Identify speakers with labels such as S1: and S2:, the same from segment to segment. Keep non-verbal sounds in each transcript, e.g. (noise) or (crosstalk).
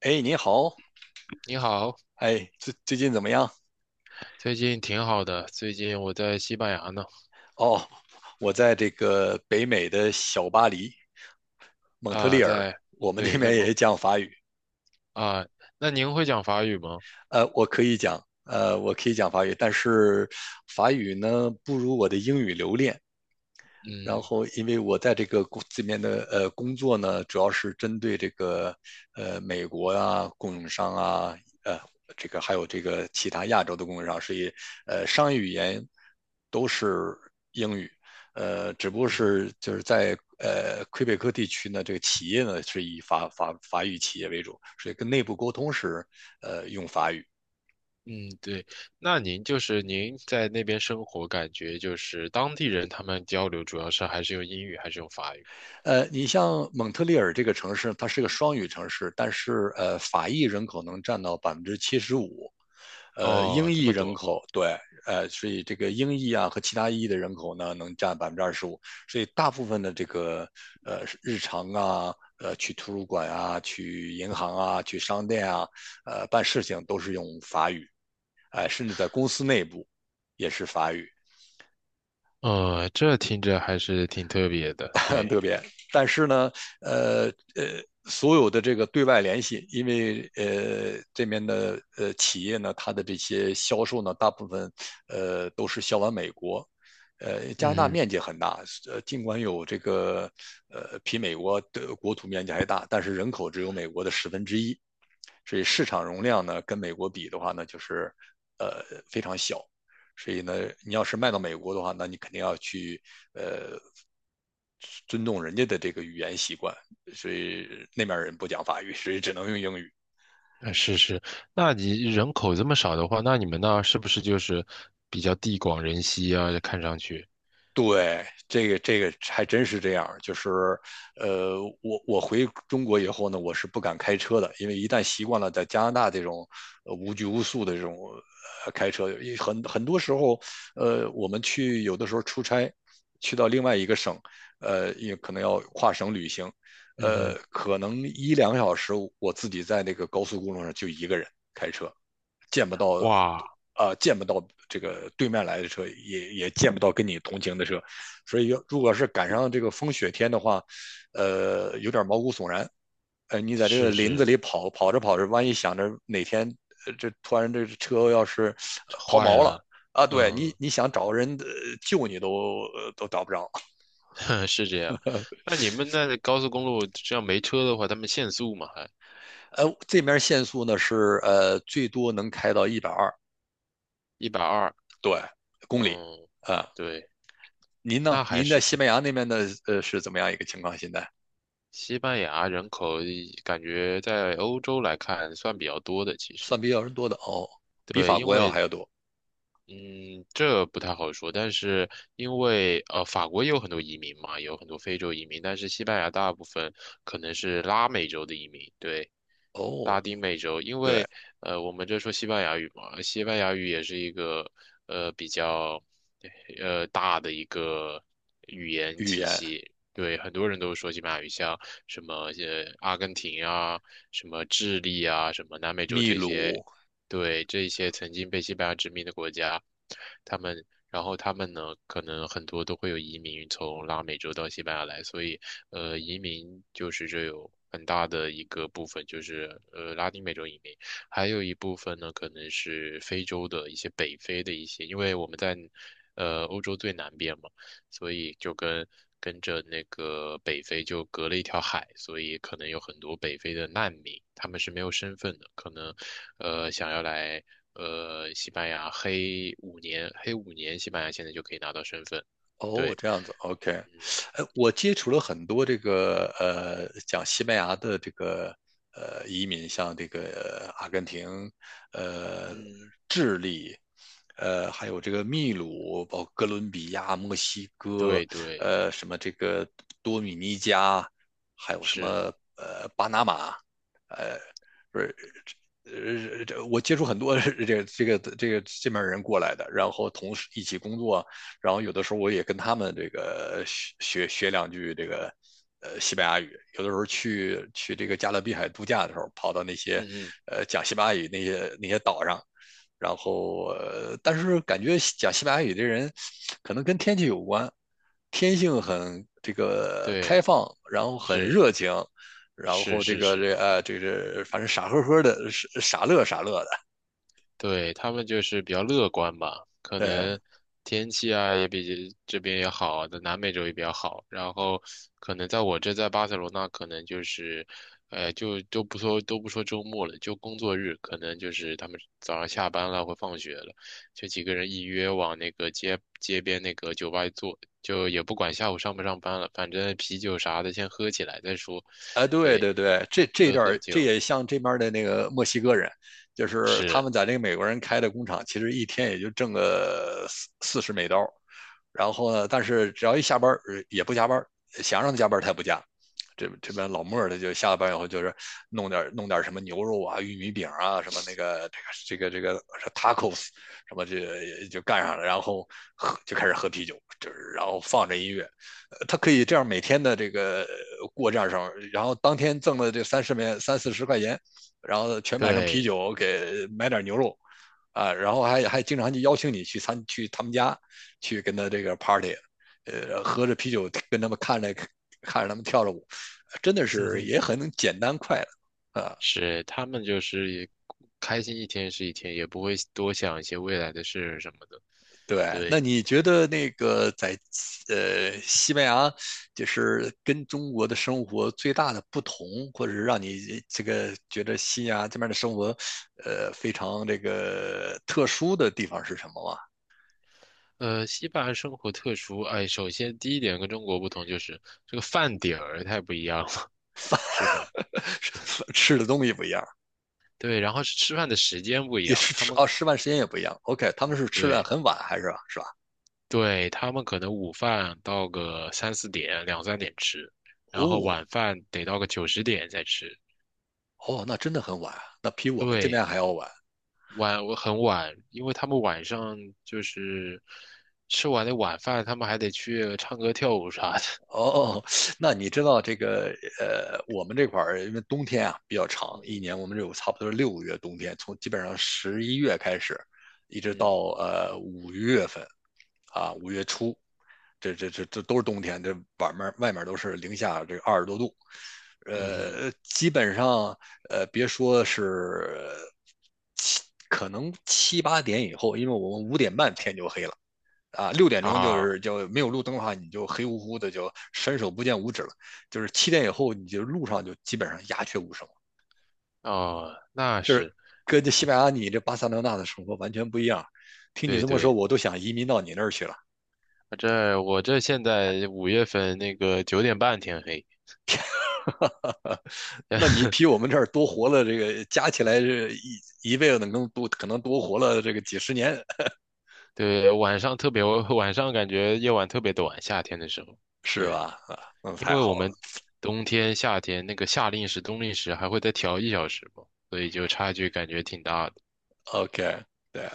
S1: 哎，你好。
S2: 你好。
S1: 哎，最近怎么样？
S2: 最近挺好的。最近我在西班牙呢。
S1: 哦，我在这个北美的小巴黎，蒙特利
S2: 啊，
S1: 尔，
S2: 在，
S1: 我们这
S2: 对，在
S1: 边
S2: 蒙
S1: 也讲法语。
S2: 啊。那您会讲法语吗？
S1: 我可以讲，我可以讲法语，但是法语呢不如我的英语流利。然
S2: 嗯
S1: 后，因为我在这个公这边的呃工作呢，主要是针对这个美国啊供应商啊，呃这个还有这个其他亚洲的供应商，所以商业语言都是英语。只不过
S2: 嗯
S1: 是就是在魁北克地区呢，这个企业呢是以法语企业为主，所以跟内部沟通时，用法语。
S2: 嗯，对。那您就是您在那边生活，感觉就是当地人他们交流主要是还是用英语，还是用法语？
S1: 你像蒙特利尔这个城市，它是个双语城市，但是法裔人口能占到75%，英
S2: 哦，这
S1: 裔
S2: 么
S1: 人
S2: 多。
S1: 口对。所以这个英裔啊和其他裔的人口呢，能占25%，所以大部分的这个日常啊，去图书馆啊，去银行啊，去商店啊，办事情都是用法语，哎、甚至在公司内部也是法语。
S2: 这听着还是挺特别
S1: (laughs)
S2: 的。
S1: 很
S2: 对。
S1: 特别。但是呢，呃所有的这个对外联系，因为这边的企业呢，它的这些销售呢，大部分都是销往美国。加拿大
S2: 嗯。
S1: 面积很大，尽管有这个比美国的国土面积还大，但是人口只有美国的1/10，所以市场容量呢跟美国比的话呢，就是呃非常小。所以呢，你要是卖到美国的话，那你肯定要去呃尊重人家的这个语言习惯，所以那边人不讲法语，所以只能用英语。
S2: 是是。那你人口这么少的话，那你们那儿是不是就是比较地广人稀啊？看上去。
S1: 对，这个这个还真是这样，就是，我回中国以后呢，我是不敢开车的，因为一旦习惯了在加拿大这种无拘无束的这种开车，很多时候，我们去有的时候出差，去到另外一个省，也可能要跨省旅行，
S2: 嗯哼。
S1: 可能一两个小时，我自己在那个高速公路上就一个人开车，见不到。
S2: 哇。
S1: 啊，见不到这个对面来的车，也见不到跟你同行的车，所以要如果是赶上这个风雪天的话，有点毛骨悚然。你在这个
S2: 是
S1: 林子
S2: 是。
S1: 里跑，跑着跑着，万一想着哪天，这突然这车要是抛
S2: 坏
S1: 锚了。
S2: 了。
S1: 啊，对你，
S2: 嗯。
S1: 你想找人救你都都找不着。
S2: (laughs) 是这样。那你们那高速公路这样没车的话，他们限速嘛，还
S1: 这面限速呢是最多能开到120。
S2: 120。
S1: 对，公里
S2: 嗯，
S1: 啊、
S2: 对。
S1: 您呢？
S2: 那还
S1: 您在
S2: 是
S1: 西班牙那边的是怎么样一个情况？现在
S2: 西班牙人口感觉在欧洲来看算比较多的，其实。
S1: 算比较人多的哦，比
S2: 对，
S1: 法
S2: 因
S1: 国要
S2: 为
S1: 还要多
S2: 嗯，这不太好说。但是因为法国也有很多移民嘛，也有很多非洲移民，但是西班牙大部分可能是拉美洲的移民。对，拉
S1: 哦。
S2: 丁美洲。因
S1: 对，
S2: 为呃，我们这说西班牙语嘛。西班牙语也是一个比较大的一个
S1: 语言。
S2: 西。对，很多人都说西班牙语像什么阿根廷啊、什么智利啊、什么南美洲
S1: 秘
S2: 这些。
S1: 鲁
S2: 对，这些曾经被西班牙殖民的国家，他们，然后他们呢，可能很多都会有移民从拉美洲到西班牙来。所以移民就是这有很大的一个部分就是拉丁美洲移民。还有一部分呢可能是非洲的一些北非的一些，因为我们在欧洲最南边嘛。所以就跟跟着那个北非就隔了一条海，所以可能有很多北非的难民，他们是没有身份的，可能想要来西班牙黑五年，黑五年西班牙现在就可以拿到身份。
S1: 哦，
S2: 对。
S1: 这样子，OK。
S2: 嗯
S1: 哎，我接触了很多这个讲西班牙的这个移民，像这个阿根廷，呃
S2: 嗯，
S1: 还有这个秘鲁，包括哥伦比亚、墨西哥，
S2: 对对。
S1: 什么这个多米尼加，还有什么
S2: 是。
S1: 巴拿马。呃，不是，这我接触很多 (laughs) 这个这边人过来的，然后同时一起工作，然后有的时候我也跟他们这个学学两句这个西班牙语，有的时候去这个加勒比海度假的时候，跑到那些
S2: 嗯
S1: 讲西班牙语那些岛上。然后，但是感觉讲西班牙语的人，可能跟天气有关。天性很这个开
S2: 对。
S1: 放，然后很热
S2: 是
S1: 情，然
S2: 是
S1: 后这
S2: 是
S1: 个
S2: 是。
S1: 这啊这是反正傻呵呵的，傻乐傻乐的。
S2: 对，他们就是比较乐观吧，可
S1: 对，哎
S2: 能天气啊也比这边也好，在南美洲也比较好。然后可能在我这在巴塞罗那，可能就是，就都不说周末了，就工作日，可能就是他们早上下班了或放学了，就几个人一约往那个街街边那个酒吧一坐，就也不管下午上不上班了，反正啤酒啥的先喝起来再说。
S1: 对
S2: 对，
S1: 对对，这这
S2: 喝
S1: 段
S2: 喝
S1: 这
S2: 酒。
S1: 也像这边的那个墨西哥人，就是他
S2: 是。
S1: 们在那个美国人开的工厂，其实一天也就挣个四十美刀，然后呢，但是只要一下班也不加班，想让他加班他也不加，这这边老莫儿他就下了班以后就是弄点什么牛肉啊、玉米饼啊、什么那个这个 tacos 什么这就干上了，然后喝就开始喝啤酒，就是然后放着音乐，他可以这样每天的这个过这样生活，然后当天挣了这三四十块钱，然后全买成啤
S2: 对。
S1: 酒给买点牛肉啊，然后还经常就邀请你去去他们家去跟他这个 party。喝着啤酒跟他们看着他们跳着舞。真的是
S2: (laughs)
S1: 也很简单快乐啊。
S2: 是他们就是也开心一天是一天，也不会多想一些未来的事什么的。
S1: 对，那
S2: 对。
S1: 你觉得那个在西班牙，就是跟中国的生活最大的不同，或者是让你这个觉得西班牙这边的生活，非常这个特殊的地方是什么吗？
S2: 西班牙生活特殊，哎，首先第一点跟中国不同就是这个饭点儿太不一样了，
S1: 饭
S2: (laughs) 是吧？
S1: (laughs) 吃的东西不一样。
S2: 对，然后是吃饭的时间不一
S1: 也
S2: 样，
S1: 是
S2: 他
S1: 吃
S2: 们
S1: 哦，
S2: 可
S1: 吃饭时间也不一样。OK，他们
S2: 嗯。
S1: 是吃的
S2: 对
S1: 很晚还是是吧？
S2: 对，他们可能午饭到个3、4点、2、3点吃，然后
S1: 哦
S2: 晚饭得到个9、10点再吃。
S1: 哦，那真的很晚啊，那比我们这边
S2: 对。
S1: 还要晚。
S2: 晚，我很晚，因为他们晚上就是吃完的晚饭，他们还得去唱歌跳舞啥的。
S1: 哦，那你知道这个我们这块儿因为冬天啊比较长，一
S2: 嗯
S1: 年我们有差不多6个月冬天，从基本上11月开始，一直到
S2: 嗯
S1: 五月份啊，五月初，这都是冬天，这外面外面都是零下这20多度，
S2: 嗯
S1: 基本上别说是可能七八点以后，因为我们5点半天就黑了。啊，6点钟就
S2: 啊。
S1: 是就没有路灯的话，你就黑乎乎的，就伸手不见五指了。就是7点以后，你就路上就基本上鸦雀无声了，
S2: 哦，那是。
S1: 跟这西班牙你这巴塞罗那的生活完全不一样。听你
S2: 对
S1: 这么说，
S2: 对，
S1: 我都想移民到你那儿去了。
S2: 我这我这现在5月份那个9点半天黑。
S1: 那你比
S2: (laughs)
S1: 我们这儿多活了，这个加起来这一辈子能多可能多活了这个几十年，
S2: 对，晚上特别晚上感觉夜晚特别短，夏天的时候。
S1: 是
S2: 对，
S1: 吧？啊，那
S2: 因
S1: 太
S2: 为我
S1: 好了。
S2: 们冬天夏天那个夏令时冬令时还会再调1小时嘛，所以就差距感觉挺大的。
S1: OK，对。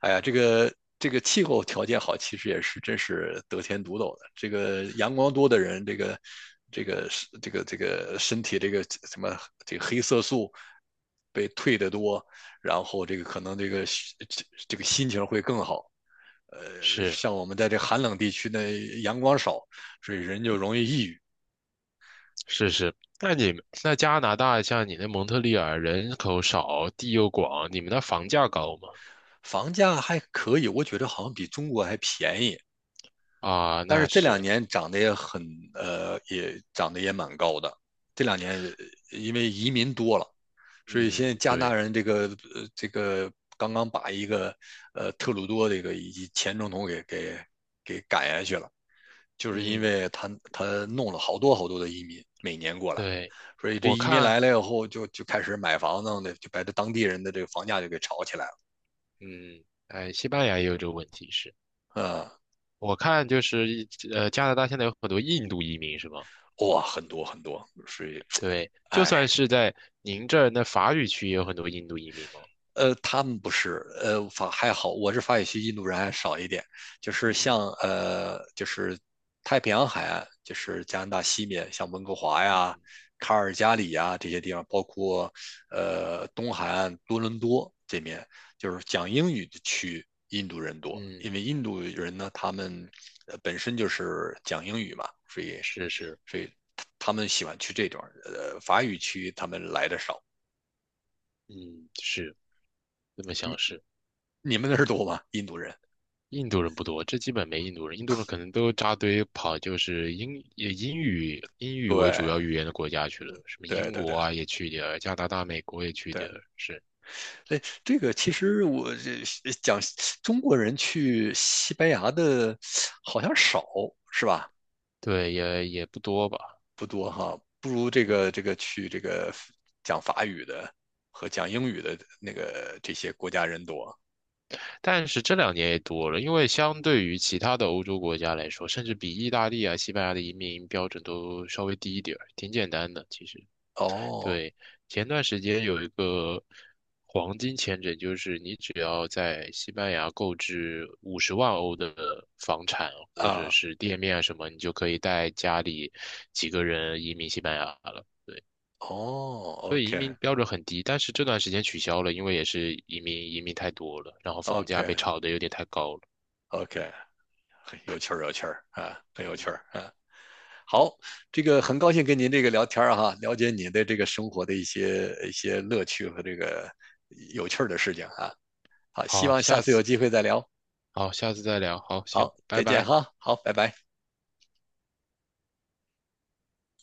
S1: 哎呀，这个这个气候条件好，其实也是真是得天独厚的。这个阳光多的人，这个这个身体这个什么这个黑色素被退得多，然后这个可能这个这这个心情会更好。
S2: 是。
S1: 像我们在这寒冷地区呢，阳光少，所以人就容易抑郁。
S2: 是是，那你们那加拿大像你那蒙特利尔人口少，地又广，你们那房价高吗？
S1: 房价还可以，我觉得好像比中国还便宜。
S2: 啊，
S1: 但是
S2: 那
S1: 这两
S2: 是。
S1: 年涨得也很，也涨得也蛮高的。这两年因为移民多了，
S2: 嗯，
S1: 所以现在加拿大
S2: 对。
S1: 人这个这个刚刚把一个特鲁多这个以及前总统给赶下去了，就是因
S2: 嗯，
S1: 为他弄了好多好多的移民每年过来，
S2: 对。
S1: 所以这
S2: 我
S1: 移民
S2: 看。
S1: 来了以后就开始买房子的，就把这当地人的这个房价就给炒起来了。
S2: 嗯。哎，西班牙也有这个问题是，
S1: 嗯，
S2: 我看就是一加拿大现在有很多印度移民是吗？
S1: 哇，很多很多，所以
S2: 对，就
S1: 哎，
S2: 算是在您这儿那法语区也有很多印度移民吗？
S1: 他们不是，法还好，我是法语区印度人还少一点。就是
S2: 嗯
S1: 像就是太平洋海岸，就是加拿大西面，像温哥华
S2: 嗯
S1: 呀、卡尔加里呀这些地方，包括东海岸多伦多这面，就是讲英语的区，印度人多，
S2: 嗯，
S1: 因
S2: 嗯
S1: 为印度人呢，他们本身就是讲英语嘛，所以
S2: 是是。
S1: 所以他们喜欢去这段儿，法语区他们来的少。
S2: 嗯是，这么想是。
S1: 你们那儿多吗？印度人？
S2: 印度人不多，这基本没印度人，印度人可能都扎堆跑，就是英也英语英语为主要
S1: 对，
S2: 语言的国家去了，什么
S1: 对
S2: 英
S1: 对对
S2: 国啊也去一点儿，加拿大、美国也去一
S1: 对。
S2: 点儿。是。
S1: 哎，这个其实我这讲中国人去西班牙的好像少，是吧？
S2: 对，也也不多吧。
S1: 不多哈，不如这
S2: 嗯，
S1: 个这个去这个讲法语的和讲英语的那个这些国家人多。
S2: 但是这两年也多了，因为相对于其他的欧洲国家来说，甚至比意大利啊、西班牙的移民标准都稍微低一点儿，挺简单的，其实。
S1: 哦
S2: 对，前段时间有一个黄金签证，就是你只要在西班牙购置50万欧的房产或者
S1: 啊
S2: 是店面啊什么，你就可以带家里几个人移民西班牙了。
S1: 哦
S2: 所以移
S1: ，OK
S2: 民标准很低，但是这段时间取消了，因为也是移民太多了，然后房
S1: OK
S2: 价被炒得有点太高了。
S1: OK，很有趣儿有趣儿啊，很
S2: 嗯
S1: 有趣
S2: 嗯。
S1: 儿啊。好，这个很高兴跟您这个聊天儿哈，了解你的这个生活的一些乐趣和这个有趣儿的事情啊。好，希
S2: 好，
S1: 望下
S2: 下
S1: 次
S2: 次。
S1: 有机会再聊。
S2: 好，下次再聊。好，行，
S1: 好，
S2: 拜
S1: 再见
S2: 拜。
S1: 哈。好，拜拜。